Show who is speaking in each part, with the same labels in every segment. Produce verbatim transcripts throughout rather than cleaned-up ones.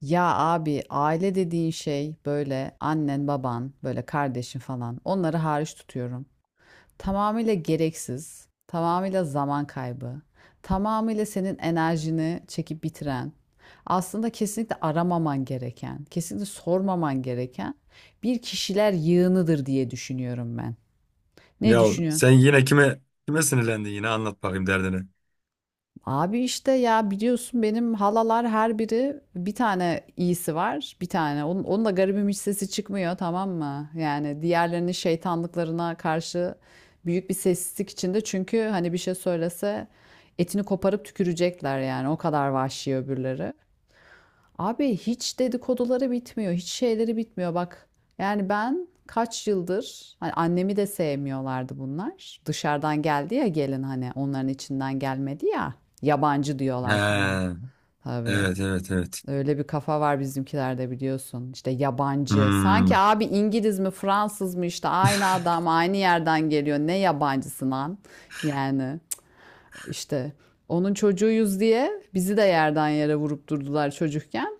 Speaker 1: Ya abi aile dediğin şey böyle annen, baban, böyle kardeşin falan. Onları hariç tutuyorum. Tamamıyla gereksiz, tamamıyla zaman kaybı, tamamıyla senin enerjini çekip bitiren, aslında kesinlikle aramaman gereken, kesinlikle sormaman gereken bir kişiler yığınıdır diye düşünüyorum ben. Ne
Speaker 2: Ya
Speaker 1: düşünüyorsun?
Speaker 2: sen yine kime kime sinirlendin yine anlat bakayım derdini.
Speaker 1: Abi işte ya biliyorsun benim halalar her biri bir tane iyisi var. Bir tane. Onun, onun da garibim hiç sesi çıkmıyor tamam mı? Yani diğerlerinin şeytanlıklarına karşı büyük bir sessizlik içinde. Çünkü hani bir şey söylese etini koparıp tükürecekler yani. O kadar vahşi öbürleri. Abi hiç dedikoduları bitmiyor, hiç şeyleri bitmiyor bak. Yani ben kaç yıldır hani annemi de sevmiyorlardı bunlar. Dışarıdan geldi ya gelin hani onların içinden gelmedi ya. Yabancı diyorlar falan.
Speaker 2: He,
Speaker 1: Tabii.
Speaker 2: evet evet evet.
Speaker 1: Öyle bir kafa var bizimkilerde biliyorsun. İşte yabancı.
Speaker 2: Hmm.
Speaker 1: Sanki abi İngiliz mi Fransız mı işte aynı adam aynı yerden geliyor. Ne yabancısı lan? Yani işte onun çocuğuyuz diye bizi de yerden yere vurup durdular çocukken.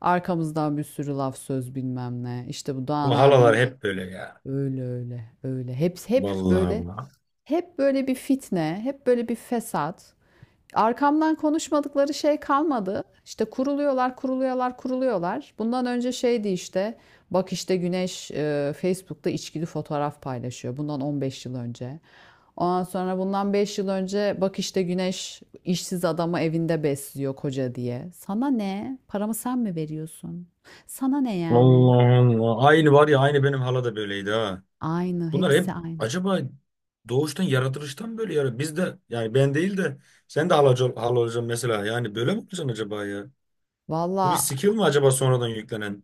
Speaker 1: Arkamızdan bir sürü laf söz bilmem ne. İşte bu Doğan
Speaker 2: Bu halalar
Speaker 1: abinle
Speaker 2: hep böyle ya.
Speaker 1: öyle öyle öyle. Hep hep
Speaker 2: Vallahi
Speaker 1: böyle
Speaker 2: Allah.
Speaker 1: hep böyle bir fitne, hep böyle bir fesat. Arkamdan konuşmadıkları şey kalmadı. İşte kuruluyorlar, kuruluyorlar, kuruluyorlar. Bundan önce şeydi işte bak işte Güneş e, Facebook'ta içkili fotoğraf paylaşıyor. Bundan on beş yıl önce. Ondan sonra bundan beş yıl önce bak işte Güneş işsiz adamı evinde besliyor koca diye. Sana ne? Paramı sen mi veriyorsun? Sana ne yani?
Speaker 2: Allah Allah. Aynı var ya aynı benim hala da böyleydi ha.
Speaker 1: Aynı,
Speaker 2: Bunlar hep
Speaker 1: hepsi aynı.
Speaker 2: acaba doğuştan yaratılıştan böyle ya. Biz de yani ben değil de sen de halacı, ol- hala olacaksın mesela. Yani böyle mi olacaksın acaba ya? Bu bir
Speaker 1: Valla
Speaker 2: skill mi acaba sonradan yüklenen?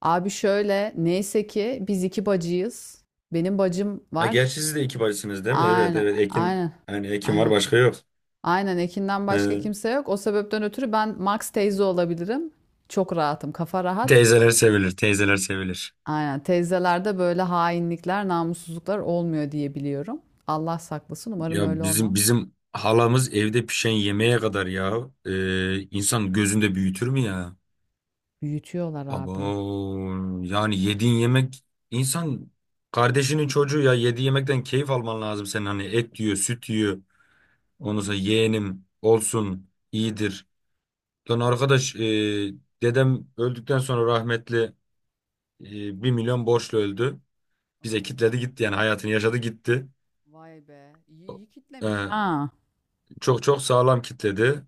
Speaker 1: abi şöyle neyse ki biz iki bacıyız. Benim bacım
Speaker 2: Ha gerçi
Speaker 1: var.
Speaker 2: siz de iki bacısınız değil mi? Evet
Speaker 1: Aynen,
Speaker 2: evet Ekin.
Speaker 1: aynen,
Speaker 2: Yani Ekin var
Speaker 1: aynen.
Speaker 2: başka yok.
Speaker 1: Aynen Ekin'den başka kimse yok. O sebepten ötürü ben Max teyze olabilirim. Çok rahatım, kafa rahat.
Speaker 2: Teyzeler sevilir, teyzeler sevilir.
Speaker 1: Aynen teyzelerde böyle hainlikler, namussuzluklar olmuyor diye biliyorum. Allah saklasın umarım
Speaker 2: Ya
Speaker 1: öyle
Speaker 2: bizim
Speaker 1: olmam.
Speaker 2: bizim halamız evde pişen yemeğe kadar ya e, insan gözünde büyütür mü ya?
Speaker 1: Büyütüyorlar
Speaker 2: Abo
Speaker 1: abi.
Speaker 2: yani yediğin yemek insan kardeşinin çocuğu ya yediği yemekten keyif alman lazım senin, hani et yiyor, süt yiyor. Ondan sonra yeğenim olsun iyidir. Lan arkadaş e, dedem öldükten sonra rahmetli e, 1 milyon borçlu öldü. Bize
Speaker 1: Oo,
Speaker 2: kitledi gitti yani hayatını yaşadı gitti.
Speaker 1: vay be. İyi, iyi kitlemiş ha.
Speaker 2: E,
Speaker 1: Ha,
Speaker 2: Çok çok sağlam kitledi.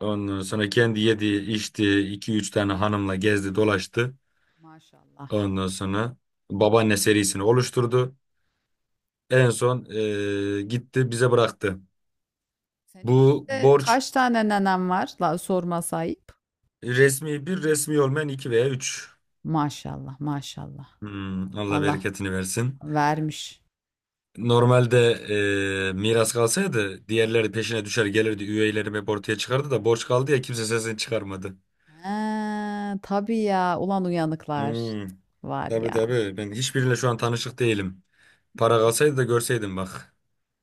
Speaker 2: Ondan sonra kendi yedi, içti, iki üç tane hanımla gezdi, dolaştı.
Speaker 1: maşallah.
Speaker 2: Ondan sonra babaanne serisini oluşturdu. En son eee, gitti bize bıraktı.
Speaker 1: Senin
Speaker 2: Bu
Speaker 1: şimdi
Speaker 2: borç
Speaker 1: kaç tane nenem var? La, sorma ayıp.
Speaker 2: resmi bir, resmi olmayan iki veya üç.
Speaker 1: Maşallah, maşallah.
Speaker 2: Hmm, Allah
Speaker 1: Allah
Speaker 2: bereketini versin.
Speaker 1: vermiş.
Speaker 2: Normalde eee, miras kalsaydı diğerleri peşine düşer gelirdi. Üyelerim hep ortaya çıkardı da borç kaldı ya kimse sesini çıkarmadı.
Speaker 1: He, tabii ya. Ulan uyanıklar.
Speaker 2: Hmm,
Speaker 1: Var
Speaker 2: tabii
Speaker 1: ya.
Speaker 2: tabii ben hiçbiriyle şu an tanışık değilim. Para kalsaydı da görseydim bak.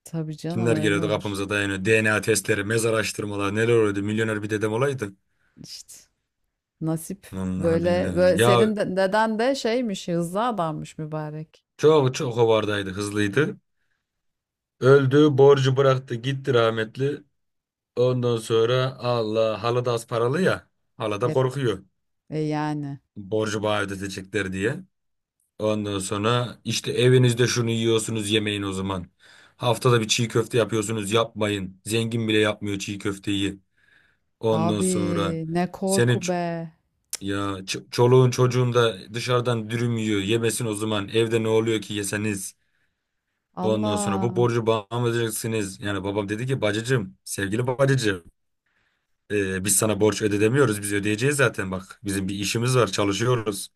Speaker 1: Tabii canım
Speaker 2: Kimler
Speaker 1: öyle
Speaker 2: geliyordu
Speaker 1: olur.
Speaker 2: kapımıza dayanıyor. D N A testleri, mezar araştırmalar neler oluyordu. Milyoner bir dedem olaydı.
Speaker 1: İşte. Nasip
Speaker 2: Vallahi
Speaker 1: böyle
Speaker 2: billahi.
Speaker 1: böyle
Speaker 2: Ya
Speaker 1: senin de, deden de şeymiş hızlı adammış mübarek.
Speaker 2: çok çok hovardaydı, hızlıydı. Öldü, borcu bıraktı gitti rahmetli. Ondan sonra Allah halı da az paralı ya. Hala da
Speaker 1: E,
Speaker 2: korkuyor.
Speaker 1: e yani.
Speaker 2: Borcu bana ödetecekler diye. Ondan sonra işte evinizde şunu yiyorsunuz, yemeyin o zaman. Haftada bir çiğ köfte yapıyorsunuz, yapmayın. Zengin bile yapmıyor çiğ köfteyi. Ondan
Speaker 1: Abi
Speaker 2: sonra
Speaker 1: ne korku
Speaker 2: senin.
Speaker 1: be.
Speaker 2: Ya ç- çoluğun çocuğun da dışarıdan dürüm yiyor. Yemesin o zaman. Evde ne oluyor ki yeseniz. Ondan sonra bu
Speaker 1: Allah.
Speaker 2: borcu bana mı ödeyeceksiniz? Yani babam dedi ki bacıcım, sevgili bacıcım. E, biz sana borç ödedemiyoruz. Biz ödeyeceğiz zaten, bak. Bizim bir işimiz var, çalışıyoruz.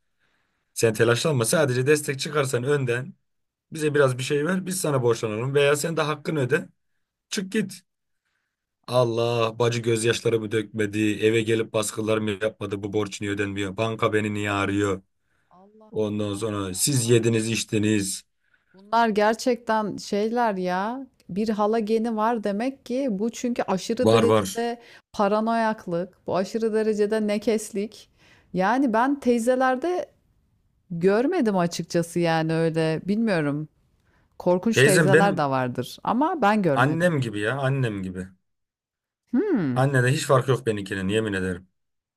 Speaker 2: Sen telaşlanma. Sadece destek çıkarsan önden bize biraz bir şey ver. Biz sana borçlanalım veya sen de hakkını öde. Çık git.
Speaker 1: Abi,
Speaker 2: Allah bacı gözyaşlarımı dökmedi. Eve gelip baskılar mı yapmadı? Bu borç niye ödenmiyor? Banka beni niye arıyor?
Speaker 1: Allah
Speaker 2: Ondan
Speaker 1: Allah ya
Speaker 2: sonra siz
Speaker 1: abi.
Speaker 2: yediniz, içtiniz.
Speaker 1: Bunlar gerçekten şeyler ya. Bir hala geni var demek ki bu çünkü aşırı
Speaker 2: Var var.
Speaker 1: derecede paranoyaklık, bu aşırı derecede nekeslik. Yani ben teyzelerde görmedim açıkçası yani öyle bilmiyorum. Korkunç
Speaker 2: Teyzem
Speaker 1: teyzeler de
Speaker 2: benim
Speaker 1: vardır ama ben görmedim.
Speaker 2: annem gibi ya, annem gibi.
Speaker 1: Hmm,
Speaker 2: Annede hiç fark yok benimkinin, yemin ederim.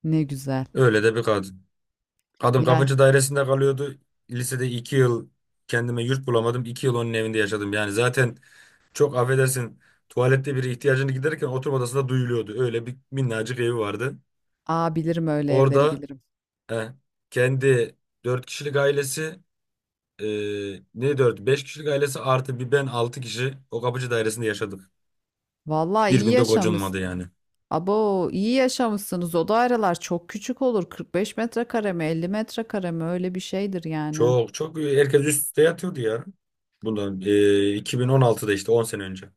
Speaker 1: ne güzel.
Speaker 2: Öyle de bir kadın. Kadın
Speaker 1: Ya,
Speaker 2: kapıcı dairesinde kalıyordu. Lisede iki yıl kendime yurt bulamadım. iki yıl onun evinde yaşadım. Yani zaten, çok affedersin, tuvalette biri ihtiyacını giderirken oturma odasında duyuluyordu. Öyle bir minnacık evi vardı.
Speaker 1: aa bilirim öyle evleri
Speaker 2: Orada
Speaker 1: bilirim.
Speaker 2: eh, kendi dört kişilik ailesi, e, ne dört? Beş kişilik ailesi artı bir ben altı kişi o kapıcı dairesinde yaşadık.
Speaker 1: Vallahi
Speaker 2: Bir
Speaker 1: iyi
Speaker 2: günde
Speaker 1: yaşamış.
Speaker 2: gocunmadı yani.
Speaker 1: Abo iyi yaşamışsınız. O daireler çok küçük olur. kırk beş metrekare mi, elli metrekare mi öyle bir şeydir yani.
Speaker 2: Çok çok herkes üst üste yatıyordu ya. Bundan e, iki bin on altıda, işte on sene önce.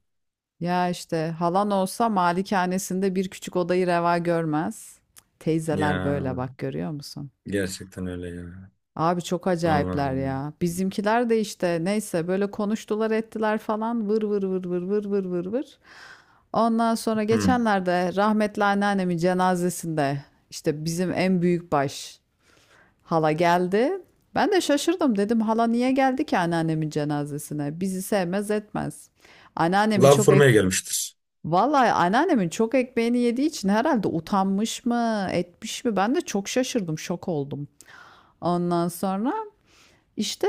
Speaker 1: Ya işte halan olsa malikanesinde bir küçük odayı reva görmez. Teyzeler
Speaker 2: Ya
Speaker 1: böyle bak görüyor musun?
Speaker 2: gerçekten öyle ya.
Speaker 1: Abi çok acayipler
Speaker 2: Allah'ım.
Speaker 1: ya. Bizimkiler de işte neyse böyle konuştular ettiler falan vır vır vır vır vır vır vır vır. Ondan sonra
Speaker 2: Hı.
Speaker 1: geçenlerde rahmetli anneannemin cenazesinde işte bizim en büyük baş hala geldi. Ben de şaşırdım dedim hala niye geldi ki anneannemin cenazesine? Bizi sevmez etmez. Anneannemin
Speaker 2: Lav
Speaker 1: çok ek
Speaker 2: fırmaya gelmiştir.
Speaker 1: Vallahi anneannemin çok ekmeğini yediği için herhalde utanmış mı, etmiş mi? Ben de çok şaşırdım, şok oldum. Ondan sonra işte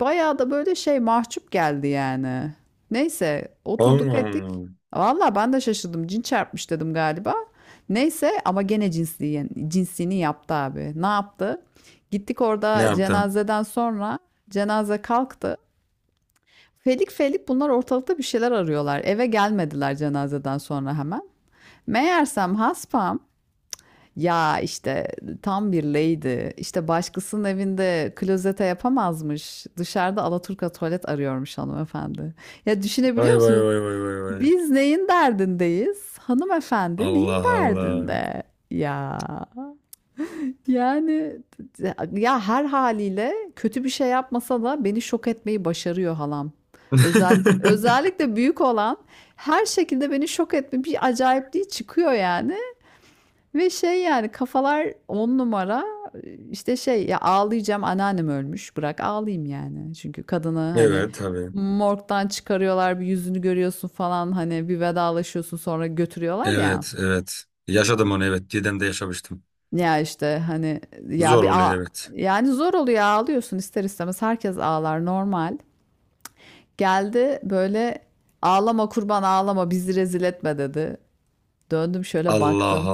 Speaker 1: bayağı da böyle şey mahcup geldi yani. Neyse oturduk ettik.
Speaker 2: Allah'ım.
Speaker 1: Valla ben de şaşırdım. Cin çarpmış dedim galiba. Neyse ama gene cinsliği, cinsini yaptı abi. Ne yaptı? Gittik
Speaker 2: Ne
Speaker 1: orada
Speaker 2: yaptım?
Speaker 1: cenazeden sonra cenaze kalktı. Felik felik bunlar ortalıkta bir şeyler arıyorlar. Eve gelmediler cenazeden sonra hemen. Meğersem haspam ya işte tam bir lady. İşte başkasının evinde klozete yapamazmış. Dışarıda alaturka tuvalet arıyormuş hanımefendi. Ya düşünebiliyor
Speaker 2: Vay vay
Speaker 1: musun?
Speaker 2: vay vay vay vay.
Speaker 1: Biz neyin derdindeyiz? Hanımefendi neyin
Speaker 2: Allah Allah.
Speaker 1: derdinde? Ya yani ya her haliyle kötü bir şey yapmasa da beni şok etmeyi başarıyor halam. Özellikle özellikle büyük olan her şekilde beni şok etme bir acayipliği çıkıyor yani. Ve şey yani kafalar on numara işte şey ya ağlayacağım anneannem ölmüş bırak ağlayayım yani. Çünkü kadını hani
Speaker 2: Evet tabii.
Speaker 1: morgdan çıkarıyorlar bir yüzünü görüyorsun falan hani bir vedalaşıyorsun sonra götürüyorlar ya.
Speaker 2: Evet evet. Yaşadım onu, evet. Didem'de yaşamıştım.
Speaker 1: Ya işte hani ya
Speaker 2: Zor
Speaker 1: bir ağ-
Speaker 2: oluyor, evet.
Speaker 1: yani zor oluyor ağlıyorsun ister istemez herkes ağlar normal. Geldi böyle ağlama kurban ağlama bizi rezil etme dedi. Döndüm şöyle
Speaker 2: Allah
Speaker 1: baktım.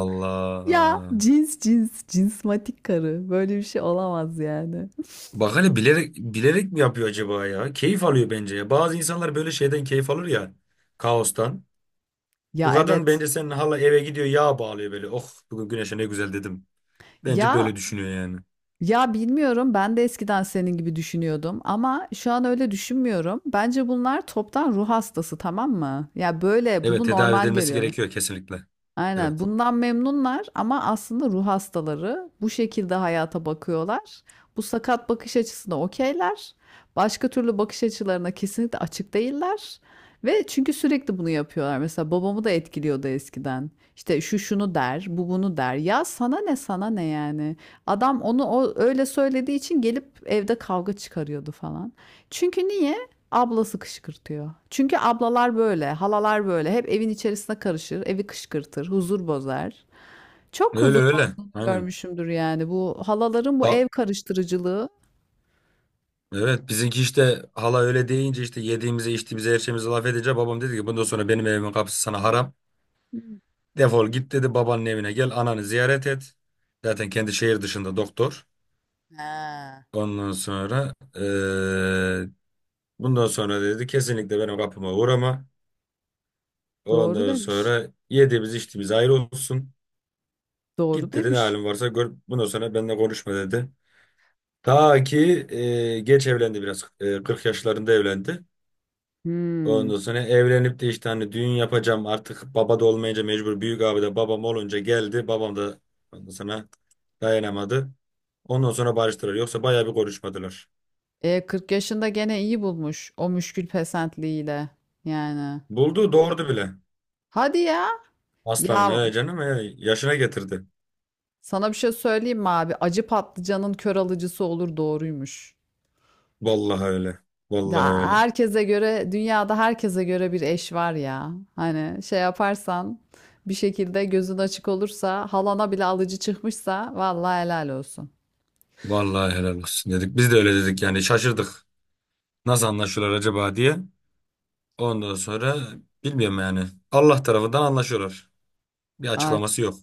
Speaker 1: Ya
Speaker 2: Allah.
Speaker 1: cins cins cinsmatik karı böyle bir şey olamaz yani.
Speaker 2: Bak, hani bilerek bilerek mi yapıyor acaba ya? Keyif alıyor bence ya. Bazı insanlar böyle şeyden keyif alır ya. Kaostan. Bu
Speaker 1: Ya
Speaker 2: kadın
Speaker 1: evet.
Speaker 2: bence senin hala eve gidiyor, yağ bağlıyor böyle. Oh bugün güneşe ne güzel, dedim. Bence böyle
Speaker 1: Ya
Speaker 2: düşünüyor yani.
Speaker 1: ya bilmiyorum ben de eskiden senin gibi düşünüyordum ama şu an öyle düşünmüyorum. Bence bunlar toptan ruh hastası tamam mı? Ya böyle
Speaker 2: Evet,
Speaker 1: bunu
Speaker 2: tedavi
Speaker 1: normal
Speaker 2: edilmesi
Speaker 1: görüyorlar.
Speaker 2: gerekiyor kesinlikle.
Speaker 1: Aynen
Speaker 2: Evet.
Speaker 1: bundan memnunlar ama aslında ruh hastaları bu şekilde hayata bakıyorlar. Bu sakat bakış açısına okeyler. Başka türlü bakış açılarına kesinlikle açık değiller. Ve çünkü sürekli bunu yapıyorlar. Mesela babamı da etkiliyordu eskiden. İşte şu şunu der, bu bunu der. Ya sana ne sana ne yani. Adam onu o, öyle söylediği için gelip evde kavga çıkarıyordu falan. Çünkü niye? Ablası kışkırtıyor. Çünkü ablalar böyle, halalar böyle. Hep evin içerisine karışır, evi kışkırtır, huzur bozar. Çok
Speaker 2: Öyle
Speaker 1: huzur
Speaker 2: öyle.
Speaker 1: bozu
Speaker 2: Aynen.
Speaker 1: görmüşümdür yani. Bu halaların bu
Speaker 2: Ba
Speaker 1: ev karıştırıcılığı.
Speaker 2: evet bizimki işte hala öyle deyince, işte yediğimize içtiğimize her şeyimize laf edince, babam dedi ki bundan sonra benim evimin kapısı sana haram.
Speaker 1: Hmm.
Speaker 2: Defol git, dedi, babanın evine gel ananı ziyaret et. Zaten kendi şehir dışında doktor.
Speaker 1: Ha.
Speaker 2: Ondan sonra eee, bundan sonra dedi kesinlikle benim kapıma uğrama.
Speaker 1: Doğru
Speaker 2: Ondan
Speaker 1: demiş.
Speaker 2: sonra yediğimiz içtiğimiz ayrı olsun.
Speaker 1: Doğru
Speaker 2: Git dedi, ne
Speaker 1: demiş.
Speaker 2: halin varsa gör. Bundan sonra benimle konuşma, dedi. Ta ki eee, geç evlendi biraz. Eee, kırk yaşlarında evlendi.
Speaker 1: Hmm.
Speaker 2: Ondan sonra evlenip de işte hani düğün yapacağım, artık baba da olmayınca mecbur, büyük abi de babam olunca geldi. Babam da ondan sonra dayanamadı. Ondan sonra barıştılar. Yoksa bayağı bir konuşmadılar.
Speaker 1: E kırk yaşında gene iyi bulmuş o müşkül pesentliğiyle. Yani.
Speaker 2: Buldu, doğurdu bile.
Speaker 1: Hadi ya.
Speaker 2: Aslanım,
Speaker 1: Ya
Speaker 2: he canım, he yaşına getirdi.
Speaker 1: sana bir şey söyleyeyim mi abi? Acı patlıcanın kör alıcısı olur doğruymuş.
Speaker 2: Vallahi öyle. Vallahi
Speaker 1: Da
Speaker 2: öyle.
Speaker 1: herkese göre dünyada herkese göre bir eş var ya. Hani şey yaparsan bir şekilde gözün açık olursa halana bile alıcı çıkmışsa vallahi helal olsun.
Speaker 2: Vallahi helal olsun, dedik. Biz de öyle dedik yani, şaşırdık. Nasıl anlaşıyorlar acaba, diye. Ondan sonra bilmiyorum yani. Allah tarafından anlaşıyorlar. Bir
Speaker 1: Art
Speaker 2: açıklaması yok.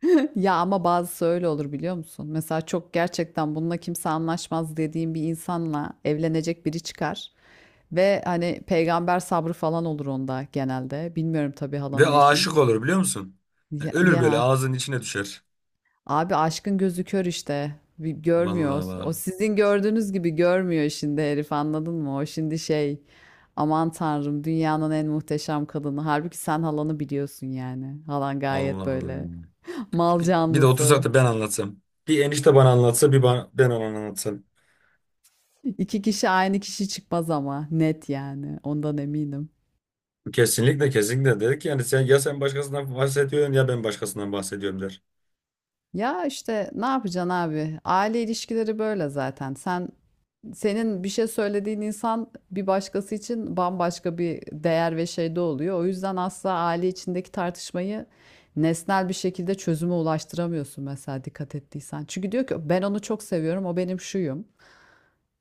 Speaker 1: ya ama bazısı öyle olur biliyor musun? Mesela çok gerçekten bununla kimse anlaşmaz dediğim bir insanla evlenecek biri çıkar. Ve hani peygamber sabrı falan olur onda genelde. Bilmiyorum tabii
Speaker 2: Ve
Speaker 1: halanın eşini de.
Speaker 2: aşık olur, biliyor musun? Yani
Speaker 1: Ya,
Speaker 2: ölür, böyle
Speaker 1: ya
Speaker 2: ağzının içine düşer.
Speaker 1: abi aşkın gözü kör işte. Bir görmüyor.
Speaker 2: Vallahi
Speaker 1: O o
Speaker 2: bak.
Speaker 1: sizin gördüğünüz gibi görmüyor şimdi herif anladın mı? O şimdi şey aman tanrım dünyanın en muhteşem kadını. Halbuki sen halanı biliyorsun yani. Halan gayet böyle
Speaker 2: Allah'ım.
Speaker 1: mal
Speaker 2: Bir, bir de otursak
Speaker 1: canlısı.
Speaker 2: da ben anlatsam. Bir enişte bana anlatsa, bir bana, ben ona anlatsam.
Speaker 1: İki kişi aynı kişi çıkmaz ama net yani ondan eminim.
Speaker 2: Kesinlikle kesinlikle, dedik yani, sen ya sen başkasından bahsediyorsun ya ben başkasından bahsediyorum, der.
Speaker 1: Ya işte ne yapacaksın abi? Aile ilişkileri böyle zaten. Sen Senin bir şey söylediğin insan bir başkası için bambaşka bir değer ve şeyde oluyor. O yüzden asla aile içindeki tartışmayı nesnel bir şekilde çözüme ulaştıramıyorsun mesela dikkat ettiysen. Çünkü diyor ki ben onu çok seviyorum, o benim şuyum.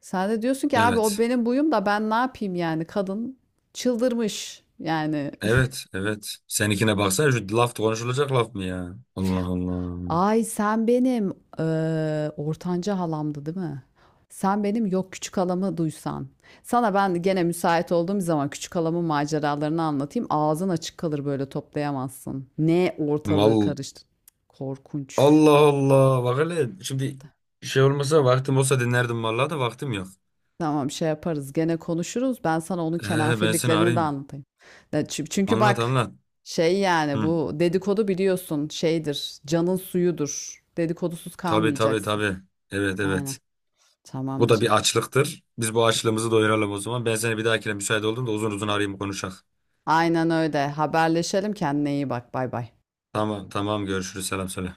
Speaker 1: Sen de diyorsun ki abi o
Speaker 2: Evet.
Speaker 1: benim buyum da ben ne yapayım yani kadın çıldırmış yani.
Speaker 2: Evet, evet. Seninkine baksana, şu laf konuşulacak laf mı ya? Allah Allah.
Speaker 1: Ay sen benim eee ortanca halamdı değil mi? Sen benim yok küçük halamı duysan. Sana ben gene müsait olduğum zaman küçük halamın maceralarını anlatayım. Ağzın açık kalır böyle toplayamazsın. Ne ortalığı
Speaker 2: Val
Speaker 1: karıştı. Korkunç.
Speaker 2: Allah Allah. Bak hele şimdi şey olmasa, vaktim olsa dinlerdim vallahi, da vaktim yok.
Speaker 1: Tamam şey yaparız gene konuşuruz. Ben sana onun
Speaker 2: Ee, ben seni
Speaker 1: kenafirliklerini de
Speaker 2: arayayım.
Speaker 1: anlatayım. Ya çü- Çünkü
Speaker 2: Anlat
Speaker 1: bak
Speaker 2: anlat.
Speaker 1: şey yani
Speaker 2: Hı.
Speaker 1: bu dedikodu biliyorsun şeydir. Canın suyudur. Dedikodusuz
Speaker 2: Tabii tabii
Speaker 1: kalmayacaksın.
Speaker 2: tabii. Evet evet.
Speaker 1: Aynen.
Speaker 2: Bu da
Speaker 1: Tamamdır.
Speaker 2: bir açlıktır. Biz bu açlığımızı doyuralım o zaman. Ben seni bir dahakine müsait olduğumda uzun uzun arayayım, konuşak.
Speaker 1: Aynen öyle. Haberleşelim. Kendine iyi bak. Bay bay.
Speaker 2: Tamam tamam, görüşürüz. Selam söyle.